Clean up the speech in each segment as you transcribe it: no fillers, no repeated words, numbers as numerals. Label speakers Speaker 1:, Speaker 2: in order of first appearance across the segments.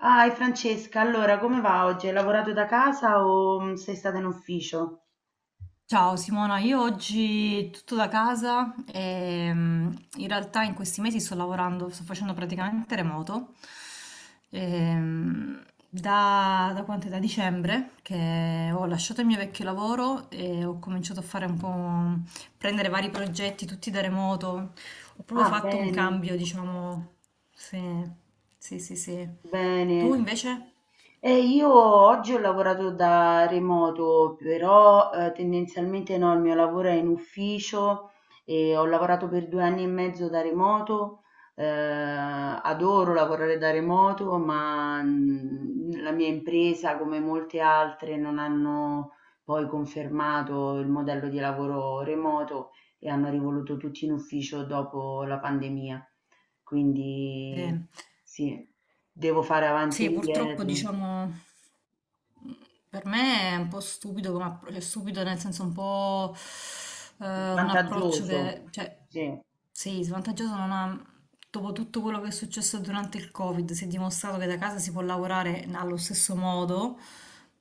Speaker 1: Ah, e Francesca, allora come va oggi? Hai lavorato da casa o sei stata in ufficio?
Speaker 2: Ciao Simona, io oggi tutto da casa e in realtà in questi mesi sto lavorando, sto facendo praticamente remoto. Ehm, da quant'è? Da dicembre che ho lasciato il mio vecchio lavoro e ho cominciato a fare un po', prendere vari progetti tutti da remoto. Ho proprio
Speaker 1: Ah,
Speaker 2: fatto un
Speaker 1: bene,
Speaker 2: cambio, diciamo. Sì, sì, sì, sì. Tu
Speaker 1: bene.
Speaker 2: invece?
Speaker 1: Io oggi ho lavorato da remoto, però tendenzialmente no, il mio lavoro è in ufficio e ho lavorato per 2 anni e mezzo da remoto. eh, Adoro lavorare da remoto, ma la mia impresa, come molte altre, non hanno poi confermato il modello di lavoro remoto e hanno rivoluto tutti in ufficio dopo la pandemia. Quindi
Speaker 2: Sì.
Speaker 1: sì, devo fare avanti e
Speaker 2: Sì, purtroppo
Speaker 1: indietro.
Speaker 2: diciamo. Per me è un po' stupido come cioè stupido nel senso un po' un approccio
Speaker 1: Vantaggioso,
Speaker 2: che, cioè,
Speaker 1: sì,
Speaker 2: sì, svantaggioso non ha. Dopo tutto quello che è successo durante il Covid, si è dimostrato che da casa si può lavorare allo stesso modo.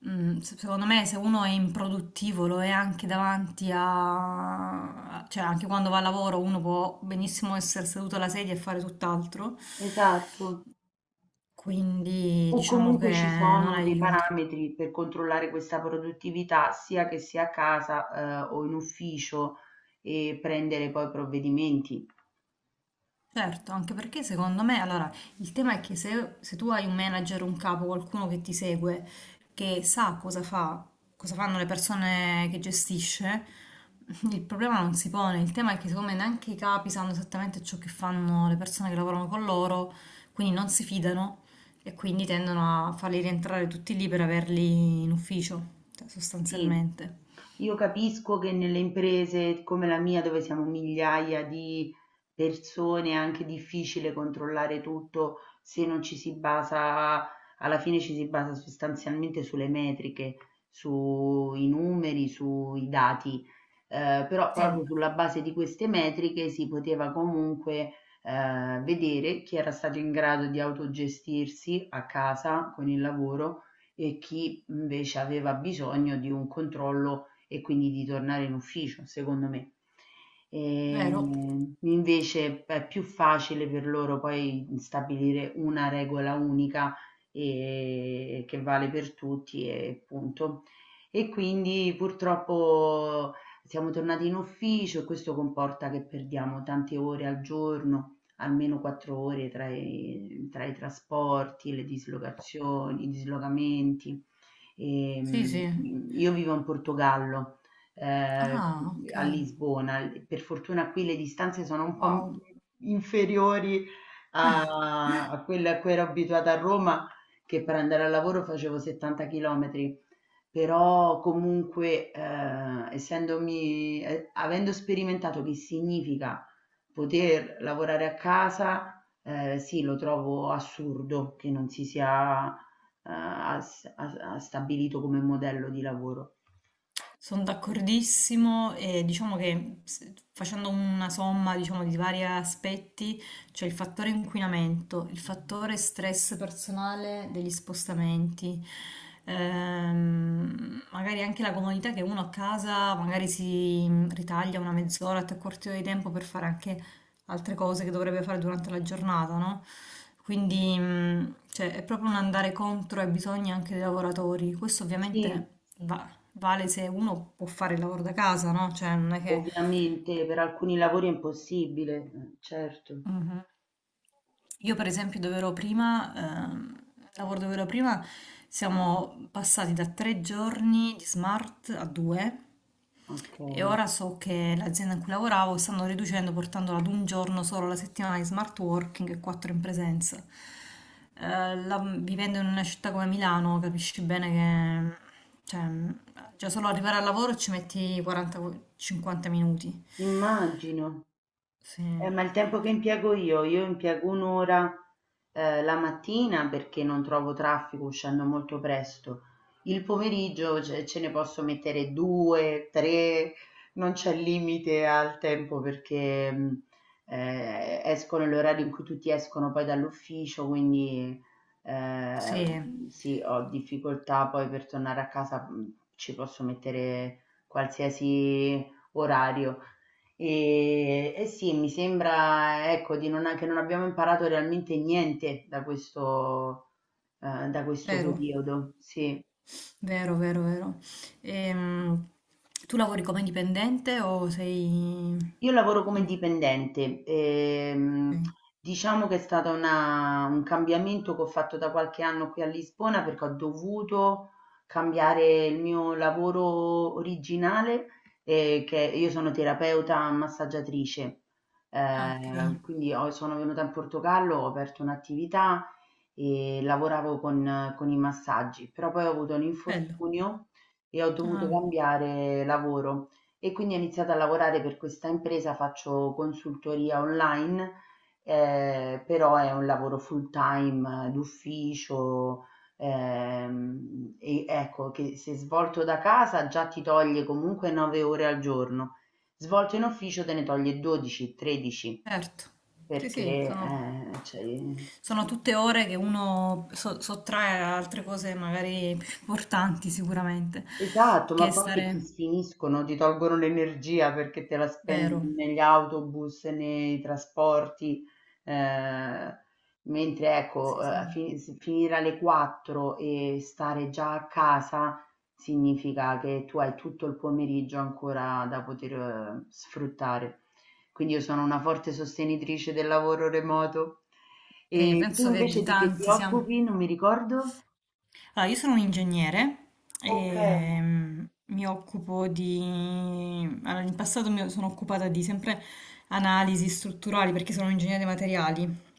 Speaker 2: Secondo me, se uno è improduttivo, lo è anche davanti a, cioè, anche quando va a lavoro, uno può benissimo essere seduto alla sedia e fare tutt'altro.
Speaker 1: esatto.
Speaker 2: Quindi
Speaker 1: O
Speaker 2: diciamo che
Speaker 1: comunque ci
Speaker 2: non
Speaker 1: sono dei
Speaker 2: aiuta.
Speaker 1: parametri per controllare questa produttività, sia che sia a casa, o in ufficio, e prendere poi provvedimenti.
Speaker 2: Certo, anche perché secondo me, allora, il tema è che se tu hai un manager, un capo, qualcuno che ti segue, che sa cosa fa, cosa fanno le persone che gestisce, il problema non si pone. Il tema è che secondo me neanche i capi sanno esattamente ciò che fanno le persone che lavorano con loro, quindi non si fidano e quindi tendono a farli rientrare tutti lì per averli in ufficio, cioè,
Speaker 1: Sì,
Speaker 2: sostanzialmente.
Speaker 1: io capisco che nelle imprese come la mia, dove siamo migliaia di persone, è anche difficile controllare tutto se non ci si basa, alla fine ci si basa sostanzialmente sulle metriche, sui numeri, sui dati. Però
Speaker 2: Sì,
Speaker 1: proprio sulla base di queste metriche si poteva comunque vedere chi era stato in grado di autogestirsi a casa con il lavoro e chi invece aveva bisogno di un controllo e quindi di tornare in ufficio, secondo me.
Speaker 2: vero?
Speaker 1: Invece è più facile per loro poi stabilire una regola unica e che vale per tutti e punto. E quindi purtroppo siamo tornati in ufficio e questo comporta che perdiamo tante ore al giorno, almeno 4 ore tra i trasporti, le dislocazioni, i dislocamenti.
Speaker 2: Sì, sì.
Speaker 1: Io vivo in Portogallo, ehm,
Speaker 2: Ah, ok.
Speaker 1: a Lisbona. Per fortuna qui le distanze sono un po' m
Speaker 2: Wow.
Speaker 1: inferiori a quelle a cui ero abituata a Roma, che per andare al lavoro facevo 70 chilometri. Però comunque, essendomi e avendo sperimentato che significa poter lavorare a casa, sì, lo trovo assurdo che non si sia, as as a stabilito come modello di lavoro.
Speaker 2: Sono d'accordissimo e diciamo che facendo una somma, diciamo, di vari aspetti, c'è il fattore inquinamento, il fattore stress personale degli spostamenti, magari anche la comodità che uno a casa magari si ritaglia una mezz'ora, tre quarti d'ora di tempo per fare anche altre cose che dovrebbe fare durante la giornata, no? Quindi, cioè, è proprio un andare contro ai bisogni anche dei lavoratori. Questo
Speaker 1: Sì,
Speaker 2: ovviamente vale se uno può fare il lavoro da casa, no? Cioè, non è che.
Speaker 1: ovviamente per alcuni lavori è impossibile, certo,
Speaker 2: Mhm. Io per esempio dove ero prima, ehm, lavoro dove ero prima, siamo passati da 3 giorni di smart a due e
Speaker 1: okay.
Speaker 2: ora so che l'azienda in cui lavoravo stanno riducendo portandola ad un giorno solo la settimana di smart working e quattro in presenza. Vivendo in una città come Milano capisci bene che cioè, già solo arrivare al lavoro ci metti 40-50 minuti.
Speaker 1: Immagino.
Speaker 2: Sì,
Speaker 1: Ma il tempo che impiego io, impiego un'ora la mattina, perché non trovo traffico uscendo molto presto. Il pomeriggio ce, ne posso mettere due, tre, non c'è limite al tempo, perché esco nell'orario in cui tutti escono poi dall'ufficio. Quindi eh,
Speaker 2: sì,
Speaker 1: sì, ho difficoltà poi per tornare a casa, ci posso mettere qualsiasi orario. E, sì, mi sembra, ecco, di non, che non abbiamo imparato realmente niente da questo, da questo
Speaker 2: vero,
Speaker 1: periodo. Sì.
Speaker 2: vero, vero, vero. Ehm, tu lavori come dipendente o sei?
Speaker 1: Io lavoro come
Speaker 2: in-
Speaker 1: dipendente.
Speaker 2: ok.
Speaker 1: Diciamo che è stato un cambiamento che ho fatto da qualche anno qui a Lisbona, perché ho dovuto cambiare il mio lavoro originale, che io sono terapeuta massaggiatrice.
Speaker 2: Ah, ok,
Speaker 1: Quindi sono venuta in Portogallo, ho aperto un'attività e lavoravo con, i massaggi, però poi ho avuto un
Speaker 2: bello.
Speaker 1: infortunio e ho dovuto
Speaker 2: Ah,
Speaker 1: cambiare lavoro, e quindi ho iniziato a lavorare per questa impresa, faccio consultoria online. Però è un lavoro full time d'ufficio. E ecco che se svolto da casa già ti toglie comunque 9 ore al giorno, svolto in ufficio te ne toglie 12, 13,
Speaker 2: certo. Sì, sì,
Speaker 1: perché
Speaker 2: sono,
Speaker 1: cioè,
Speaker 2: sono tutte ore che uno sottrae a altre cose magari più importanti sicuramente,
Speaker 1: esatto, ma
Speaker 2: che
Speaker 1: poi che ti
Speaker 2: stare.
Speaker 1: sfiniscono, ti tolgono l'energia, perché te la spendi
Speaker 2: Vero,
Speaker 1: negli autobus, nei trasporti, eh, mentre ecco,
Speaker 2: sì, sì.
Speaker 1: finire alle 4 e stare già a casa significa che tu hai tutto il pomeriggio ancora da poter, sfruttare. Quindi io sono una forte sostenitrice del lavoro remoto.
Speaker 2: Sì,
Speaker 1: E tu
Speaker 2: penso che
Speaker 1: invece di che ti
Speaker 2: tanti siamo.
Speaker 1: occupi? Non mi ricordo.
Speaker 2: Allora, io sono un ingegnere
Speaker 1: Ok,
Speaker 2: e mi occupo di. Allora, in passato mi sono occupata di sempre analisi strutturali perché sono un ingegnere dei materiali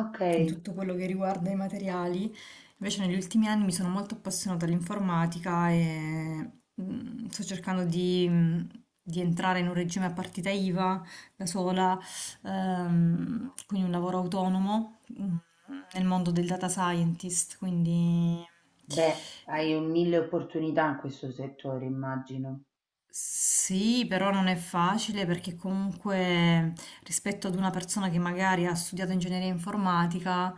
Speaker 1: ok.
Speaker 2: in tutto quello che riguarda i materiali. Invece negli ultimi anni mi sono molto appassionata all'informatica e sto cercando di entrare in un regime a partita IVA da sola, quindi un lavoro autonomo nel mondo del data scientist, quindi.
Speaker 1: Beh, hai
Speaker 2: eh,
Speaker 1: un mille opportunità in questo settore, immagino.
Speaker 2: Sì, però non è facile perché comunque rispetto ad una persona che magari ha studiato ingegneria informatica,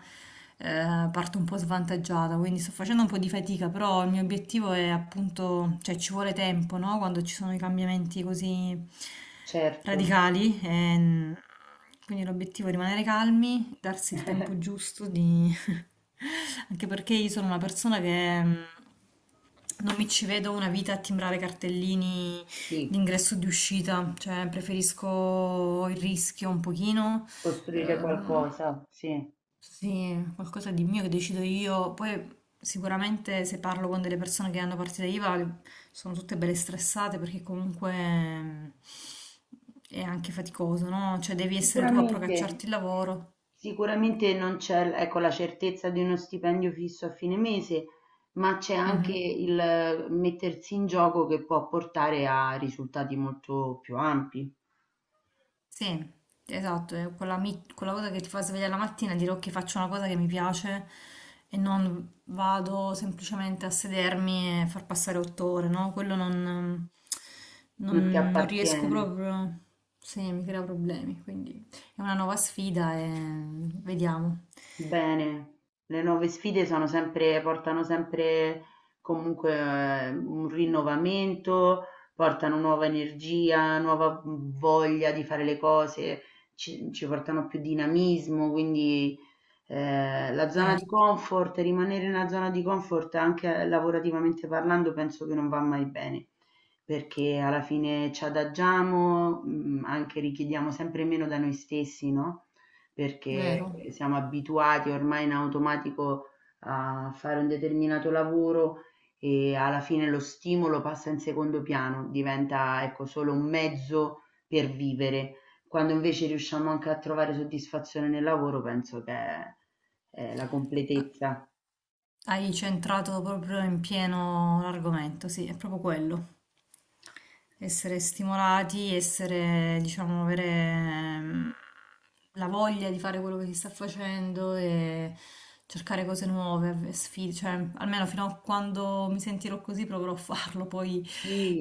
Speaker 2: parto un po' svantaggiata, quindi sto facendo un po' di fatica, però il mio obiettivo è appunto, cioè ci vuole tempo, no? Quando ci sono i cambiamenti così
Speaker 1: Certo,
Speaker 2: radicali, quindi l'obiettivo è rimanere calmi, darsi il tempo giusto di. Anche perché io sono una persona che. Non mi ci vedo una vita a timbrare cartellini,
Speaker 1: sì,
Speaker 2: l'ingresso di uscita, cioè preferisco il rischio un pochino,
Speaker 1: costruire
Speaker 2: ehm,
Speaker 1: qualcosa, sì.
Speaker 2: sì, qualcosa di mio che decido io. Poi sicuramente se parlo con delle persone che hanno partita IVA sono tutte belle stressate perché comunque è anche faticoso, no? Cioè devi essere tu a
Speaker 1: Sicuramente,
Speaker 2: procacciarti il lavoro.
Speaker 1: sicuramente non c'è, ecco, la certezza di uno stipendio fisso a fine mese, ma c'è anche
Speaker 2: Mhm.
Speaker 1: il mettersi in gioco che può portare a risultati molto più ampi.
Speaker 2: Sì, esatto, è quella, quella cosa che ti fa svegliare la mattina e dire ok, faccio una cosa che mi piace e non vado semplicemente a sedermi e far passare 8 ore, no? Quello
Speaker 1: Non ti
Speaker 2: non riesco
Speaker 1: appartiene.
Speaker 2: proprio, sì, mi crea problemi, quindi è una nuova sfida e vediamo.
Speaker 1: Bene, le nuove sfide sono sempre, portano sempre comunque un rinnovamento, portano nuova energia, nuova voglia di fare le cose, ci, portano più dinamismo. Quindi la zona di
Speaker 2: Certo.
Speaker 1: comfort, rimanere nella zona di comfort anche lavorativamente parlando, penso che non va mai bene, perché alla fine ci adagiamo, anche richiediamo sempre meno da noi stessi, no? Perché
Speaker 2: Vero?
Speaker 1: siamo abituati ormai in automatico a fare un determinato lavoro e alla fine lo stimolo passa in secondo piano, diventa ecco solo un mezzo per vivere. Quando invece riusciamo anche a trovare soddisfazione nel lavoro, penso che è la completezza.
Speaker 2: Hai centrato proprio in pieno l'argomento, sì, è proprio quello. Essere stimolati, essere, diciamo, avere la voglia di fare quello che si sta facendo e cercare cose nuove, sfide, cioè, almeno fino a quando mi sentirò così proverò a farlo, poi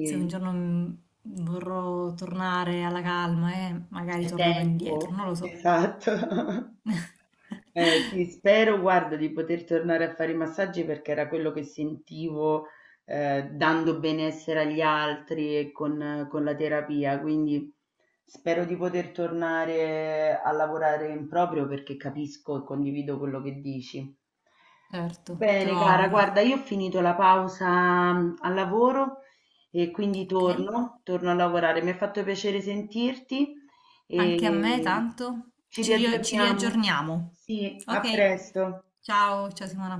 Speaker 2: se un giorno vorrò tornare alla calma e magari
Speaker 1: C'è
Speaker 2: tornerò indietro,
Speaker 1: tempo?
Speaker 2: non lo so.
Speaker 1: Esatto. Sì, spero, guarda, di poter tornare a fare i massaggi, perché era quello che sentivo, dando benessere agli altri e con, la terapia. Quindi spero di poter tornare a lavorare in proprio, perché capisco e condivido quello che dici.
Speaker 2: Certo, te
Speaker 1: Bene,
Speaker 2: lo
Speaker 1: cara,
Speaker 2: auguro,
Speaker 1: guarda, io ho finito la pausa al lavoro, e quindi
Speaker 2: ok?
Speaker 1: torno, a lavorare. Mi ha fatto piacere sentirti
Speaker 2: Anche a me
Speaker 1: e
Speaker 2: tanto.
Speaker 1: ci
Speaker 2: Ci
Speaker 1: riaggiorniamo.
Speaker 2: riaggiorniamo.
Speaker 1: Sì, a
Speaker 2: Ok.
Speaker 1: presto.
Speaker 2: Ciao, ciao Simona.